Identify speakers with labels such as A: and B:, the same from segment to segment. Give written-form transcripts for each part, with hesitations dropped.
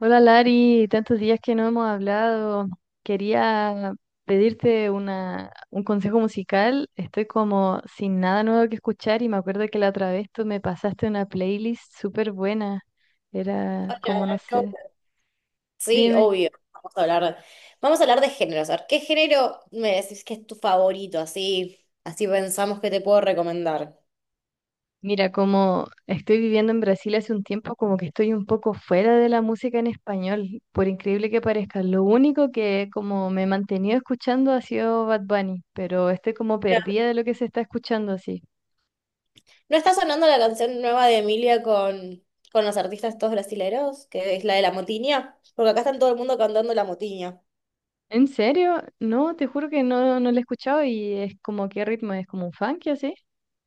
A: Hola Lari, tantos días que no hemos hablado. Quería pedirte un consejo musical. Estoy como sin nada nuevo que escuchar y me acuerdo que la otra vez tú me pasaste una playlist súper buena. Era
B: Hola,
A: como, no
B: ¿cómo
A: sé,
B: estás? Sí,
A: dime.
B: obvio. Vamos a hablar de géneros. A ver, ¿qué género me decís que es tu favorito? Así, así pensamos que te puedo recomendar.
A: Mira, como estoy viviendo en Brasil hace un tiempo, como que estoy un poco fuera de la música en español, por increíble que parezca. Lo único que como me he mantenido escuchando ha sido Bad Bunny, pero estoy como
B: Mira,
A: perdida de lo que se está escuchando así.
B: ¿no está sonando la canción nueva de Emilia con los artistas todos brasileros? Que es la de La Motiña. Porque acá están todo el mundo cantando La Motiña.
A: ¿En serio? No, te juro que no, no la he escuchado y es como qué ritmo, es como un funky así.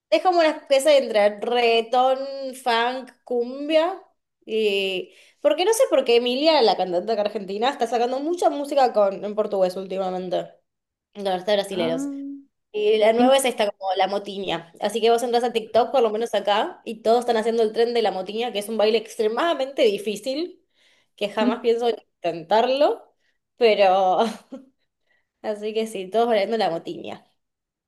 B: Es como una especie entre reggaetón, funk, cumbia. Y... porque no sé por qué Emilia, la cantante acá argentina, está sacando mucha música con... en portugués últimamente, con artistas brasileños.
A: Ah,
B: Y la
A: qué in-
B: nueva es esta como la motiña. Así que vos entras a TikTok, por lo menos acá, y todos están haciendo el tren de la motiña, que es un baile extremadamente difícil, que jamás pienso intentarlo, pero así que sí, todos bailando la motiña.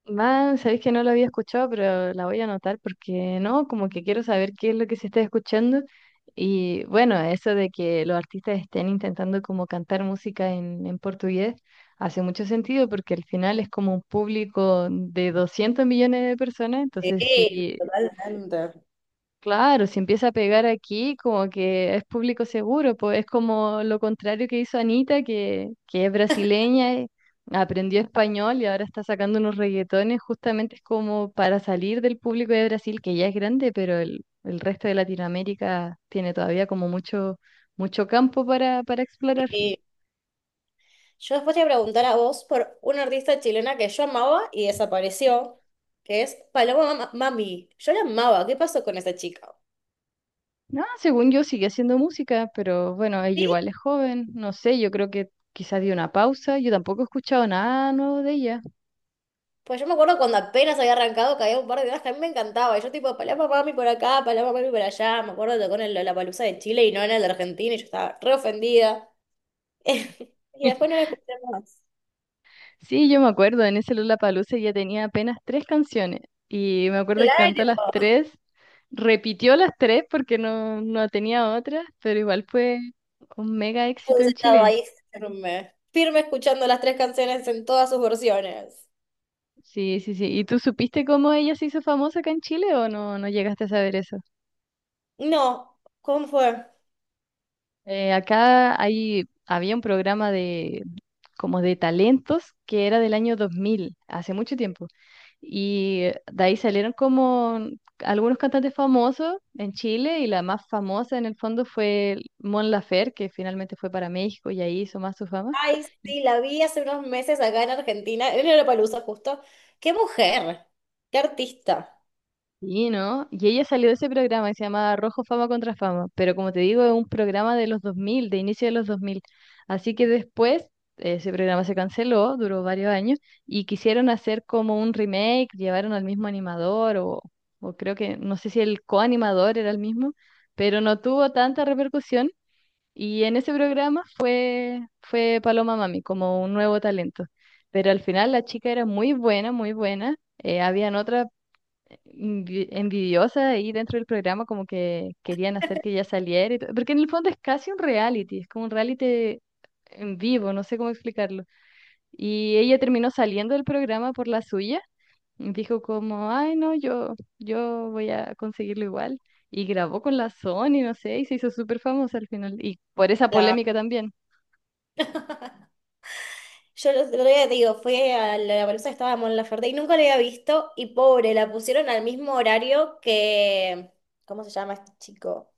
A: Man, sabéis que no lo había escuchado, pero la voy a anotar porque no, como que quiero saber qué es lo que se está escuchando. Y bueno, eso de que los artistas estén intentando como cantar música en portugués hace mucho sentido porque al final es como un público de 200 millones de personas, entonces
B: Sí,
A: sí.
B: totalmente.
A: Claro, si empieza a pegar aquí, como que es público seguro, pues es como lo contrario que hizo Anita, que es brasileña, aprendió español y ahora está sacando unos reggaetones, justamente es como para salir del público de Brasil, que ya es grande, pero el resto de Latinoamérica tiene todavía como mucho, mucho campo para explorar.
B: Yo después te voy a preguntar a vos por una artista chilena que yo amaba y desapareció, que es Paloma Ma- Mami. Yo la amaba, ¿qué pasó con esa chica?
A: No, según yo sigue haciendo música, pero bueno,
B: Sí,
A: ella igual es joven, no sé, yo creo que quizás dio una pausa, yo tampoco he escuchado nada nuevo de ella.
B: pues yo me acuerdo cuando apenas había arrancado, que había un par de temas que a mí me encantaba. Y yo tipo, Paloma Mami por acá, Paloma Mami por allá. Me acuerdo que tocó en la Lollapalooza de Chile y no en el de Argentina y yo estaba re ofendida. Y después no la escuché más.
A: Sí, yo me acuerdo, en ese Lollapalooza ya tenía apenas tres canciones y me acuerdo que cantó las
B: Claro.
A: tres, repitió las tres porque no, no tenía otras, pero igual fue un mega
B: Yo
A: éxito
B: hubiese
A: en
B: estado
A: Chile.
B: ahí firme, firme escuchando las tres canciones en todas sus versiones.
A: Sí, sí, sí. ¿Y tú supiste cómo ella se hizo famosa acá en Chile o no, no llegaste a saber eso?
B: No, ¿cómo fue?
A: Acá hay, había un programa de, como de talentos que era del año 2000, hace mucho tiempo. Y de ahí salieron como algunos cantantes famosos en Chile y la más famosa en el fondo fue Mon Laferte, que finalmente fue para México y ahí hizo más su fama.
B: Ay, sí, la vi hace unos meses acá en Argentina, en Lollapalooza justo. ¡Qué mujer! ¡Qué artista!
A: Sí, ¿no? Y ella salió de ese programa que se llamaba Rojo Fama contra Fama, pero como te digo, es un programa de los 2000, de inicio de los 2000. Así que después ese programa se canceló, duró varios años, y quisieron hacer como un remake, llevaron al mismo animador, o creo que, no sé si el coanimador era el mismo, pero no tuvo tanta repercusión. Y en ese programa fue Paloma Mami, como un nuevo talento. Pero al final la chica era muy buena, muy buena. Habían otras envidiosa ahí dentro del programa, como que querían hacer que ella saliera, y todo, porque en el fondo es casi un reality, es como un reality en vivo, no sé cómo explicarlo. Y ella terminó saliendo del programa por la suya, y dijo como, ay no, yo voy a conseguirlo igual, y grabó con la Sony, no sé, y se hizo súper famosa al final, y por esa
B: La...
A: polémica también.
B: yo el otro día, te digo, fui a Lollapalooza, estaba Mon Laferte y nunca la había visto y pobre, la pusieron al mismo horario que... ¿cómo se llama este chico?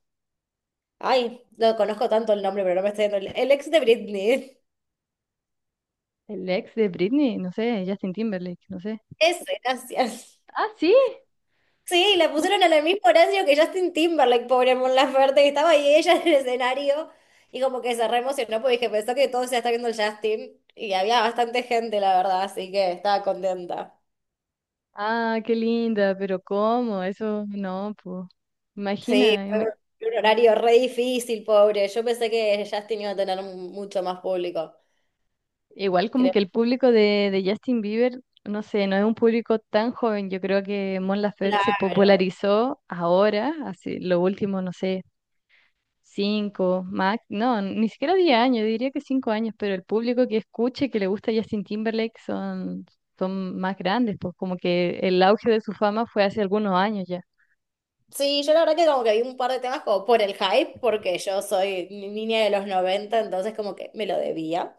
B: Ay, no conozco tanto el nombre, pero no me estoy dando el ex de Britney.
A: El ex de Britney, no sé, Justin Timberlake, no sé.
B: Ese, gracias.
A: Ah, sí.
B: Sí, la pusieron en el mismo horario que Justin Timberlake, pobre Mon Laferte, que estaba ahí ella en el escenario y como que se re emocionó porque dije, pensó que todo se está viendo el Justin y había bastante gente, la verdad, así que estaba contenta.
A: Ah, qué linda, pero ¿cómo? Eso no, pues.
B: Sí,
A: Imagina,
B: fue un un horario re difícil, pobre. Yo pensé que Justin iba a tener un- mucho más público.
A: igual como
B: Creo.
A: que el público de Justin Bieber, no sé, no es un público tan joven. Yo creo que Mon Laferte se
B: Claro.
A: popularizó ahora, hace lo último, no sé, cinco, más, no, ni siquiera 10 años, yo diría que 5 años, pero el público que escuche, que le gusta Justin Timberlake son más grandes, pues como que el auge de su fama fue hace algunos años ya.
B: Sí, yo la verdad que como que vi un par de temas como por el hype, porque yo soy ni- niña de los 90, entonces como que me lo debía.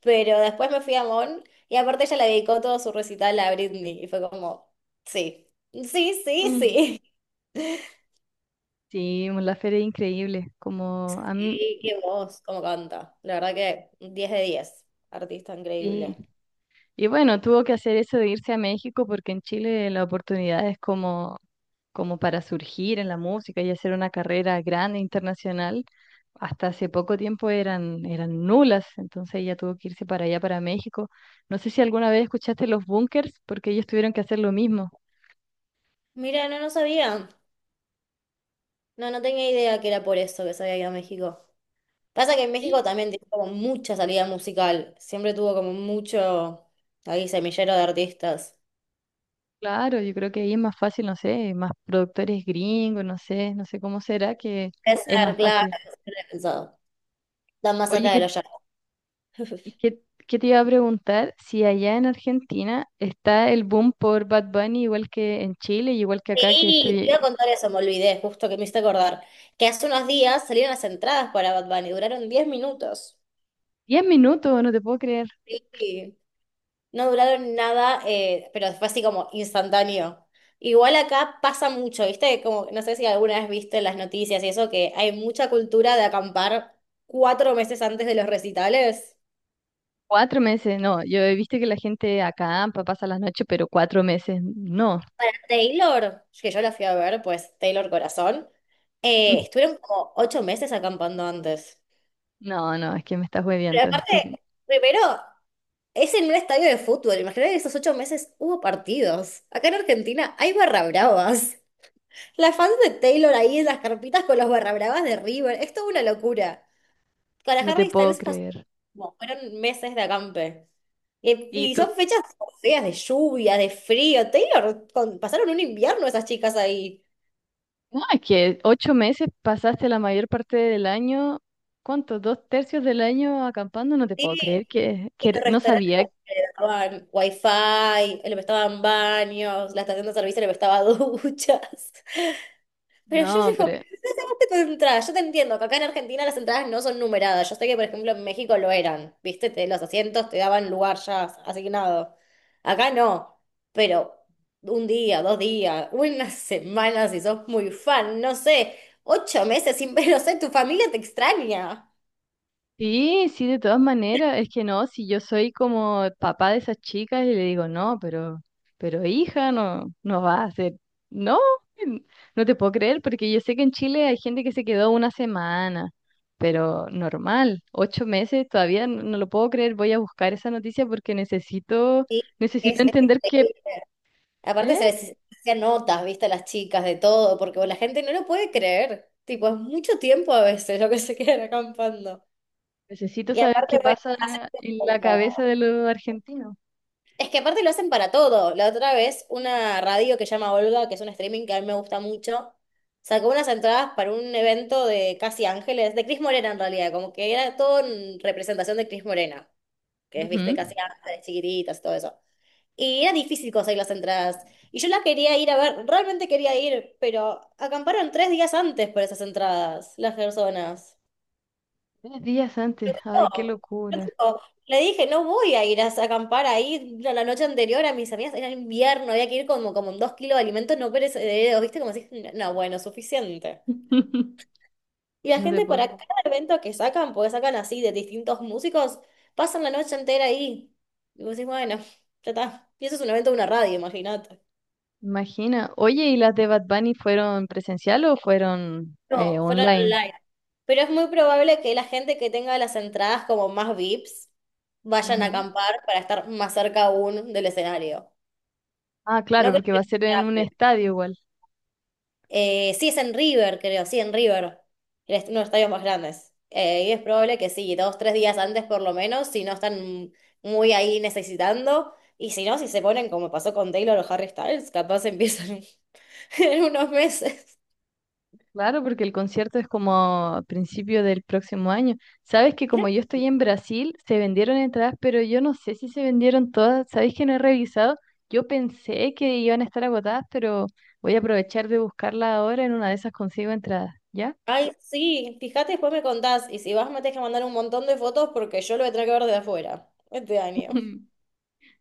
B: Pero después me fui a Mon y aparte ella le dedicó todo su recital a Britney y fue como, sí, sí, sí,
A: Ujú.
B: sí.
A: Sí, Mon Laferte es increíble. Como a mí,
B: Sí, qué voz, cómo canta. La verdad que 10 de 10, artista
A: sí.
B: increíble.
A: Y bueno, tuvo que hacer eso de irse a México porque en Chile la oportunidad es como, como para surgir en la música y hacer una carrera grande internacional. Hasta hace poco tiempo eran nulas, entonces ella tuvo que irse para allá, para México. No sé si alguna vez escuchaste los bunkers, porque ellos tuvieron que hacer lo mismo.
B: Mira, no, no sabía. No, no tenía idea que era por eso que se había ido a México. Pasa que en México
A: Sí,
B: también tiene como mucha salida musical. Siempre tuvo como mucho ahí semillero de artistas.
A: claro, yo creo que ahí es más fácil, no sé, más productores gringos, no sé, no sé cómo será que
B: Es
A: es
B: ser,
A: más
B: claro,
A: fácil.
B: es ser pensado. Están más
A: Oye,
B: cerca de los...
A: ¿Qué, qué te iba a preguntar? Si allá en Argentina está el boom por Bad Bunny, igual que en Chile y igual que acá, que
B: sí, te iba
A: estoy
B: a contar eso, me olvidé, justo que me hice acordar. Que hace unos días salieron las entradas para Bad Bunny, duraron 10 minutos.
A: 10 minutos, no te puedo creer.
B: Sí. No duraron nada, pero fue así como instantáneo. Igual acá pasa mucho, ¿viste? Como, no sé si alguna vez viste en las noticias y eso, que hay mucha cultura de acampar 4 meses antes de los recitales.
A: 4 meses, no. Yo he visto que la gente acampa, pasa las noches, pero 4 meses, no.
B: Taylor, que yo la fui a ver, pues Taylor Corazón, estuvieron como 8 meses acampando antes.
A: No, no, es que me estás
B: Pero
A: hueviando, es
B: aparte,
A: que
B: primero es en un estadio de fútbol. Imagínate que esos 8 meses hubo partidos. Acá en Argentina hay barra bravas. Las fans de Taylor ahí en las carpitas con los barra bravas de River. Es toda una locura. Para
A: no te
B: Harry
A: puedo
B: Styles pasó,
A: creer.
B: como fueron meses de acampe. Y,
A: Y
B: y son
A: tú,
B: fechas feas de lluvia, de frío. Taylor, con- pasaron un invierno esas chicas ahí.
A: no, es que 8 meses pasaste la mayor parte del año, ¿cuánto? Dos tercios del año acampando, no te
B: Sí,
A: puedo creer que,
B: y
A: que
B: los
A: no
B: restaurantes
A: sabía.
B: como que le daban wifi, le prestaban baños, la estación de servicio le prestaba duchas. Pero yo
A: No,
B: digo,
A: pero
B: ¿qué hacemos tipo de entradas? Yo te entiendo que acá en Argentina las entradas no son numeradas. Yo sé que, por ejemplo, en México lo eran. ¿Viste? Te- los asientos te daban lugar ya asignado. Acá no. Pero un día, 2 días, una semana, si sos muy fan, no sé, 8 meses sin ver, no sé, tu familia te extraña.
A: sí, sí, de todas maneras, es que no, si yo soy como el papá de esas chicas y le digo, no, pero hija, no, no va a hacer, no, en- no te puedo creer, porque yo sé que en Chile hay gente que se quedó una semana, pero normal, 8 meses, todavía no, lo puedo creer, voy a buscar esa noticia porque necesito,
B: Sí, es,
A: necesito
B: es
A: entender qué,
B: increíble. Aparte se
A: ¿eh?
B: les hacían notas, viste, a las chicas de todo, porque la gente no lo puede creer. Tipo, es mucho tiempo a veces lo que se quedan acampando.
A: Necesito
B: Y
A: saber
B: aparte,
A: qué
B: bueno,
A: pasa
B: hacen
A: en la cabeza
B: como...
A: de los argentinos.
B: es que aparte lo hacen para todo. La otra vez, una radio que se llama Olga, que es un streaming que a mí me gusta mucho, sacó unas entradas para un evento de Casi Ángeles, de Cris Morena en realidad, como que era todo en representación de Cris Morena, que es, viste,
A: Ujú.
B: Casi Ángeles, chiquititas, todo eso. Y era difícil conseguir las entradas. Y yo la quería ir a ver, realmente quería ir, pero acamparon 3 días antes por esas entradas, las personas.
A: 3 días antes, ay, qué
B: No, yo
A: locura.
B: tipo, le dije, no voy a ir a acampar ahí la noche anterior a mis amigas, era invierno, había que ir como, como en 2 kilos de alimentos no perecederos, ¿viste? Como así, no, bueno, suficiente. Y la
A: No te
B: gente
A: puedo
B: para cada
A: creer.
B: evento que sacan, porque sacan así de distintos músicos, pasan la noche entera ahí. Y vos decís, bueno, ya está. Y eso es un evento de una radio, imagínate.
A: Imagina. Oye, ¿y las de Bad Bunny fueron presencial o fueron
B: No, fueron
A: online?
B: online. Pero es muy probable que la gente que tenga las entradas como más VIPs vayan a
A: Ujú.
B: acampar para estar más cerca aún del escenario.
A: Ah,
B: No
A: claro,
B: creo
A: porque va a
B: que
A: ser
B: sea
A: en
B: en
A: un
B: River.
A: estadio igual.
B: Sí, es en River, creo, sí, en River. El est- uno de los estadios más grandes. Y es probable que sí, 2, 3 días antes por lo menos, si no están muy ahí necesitando. Y si no, si se ponen como pasó con Taylor o Harry Styles, capaz empiezan en unos meses.
A: Claro, porque el concierto es como a principio del próximo año. Sabes que
B: Creo...
A: como yo estoy en Brasil, se vendieron entradas, pero yo no sé si se vendieron todas. Sabes que no he revisado. Yo pensé que iban a estar agotadas, pero voy a aprovechar de buscarla ahora. En una de esas consigo entradas. ¿Ya?
B: ay, sí, fíjate, después me contás. Y si vas, me tenés que mandar un montón de fotos porque yo lo voy a tener que ver de afuera este año.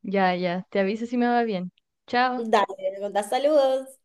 A: Ya, ya. Te aviso si me va bien. Chao.
B: Dale, me contás saludos.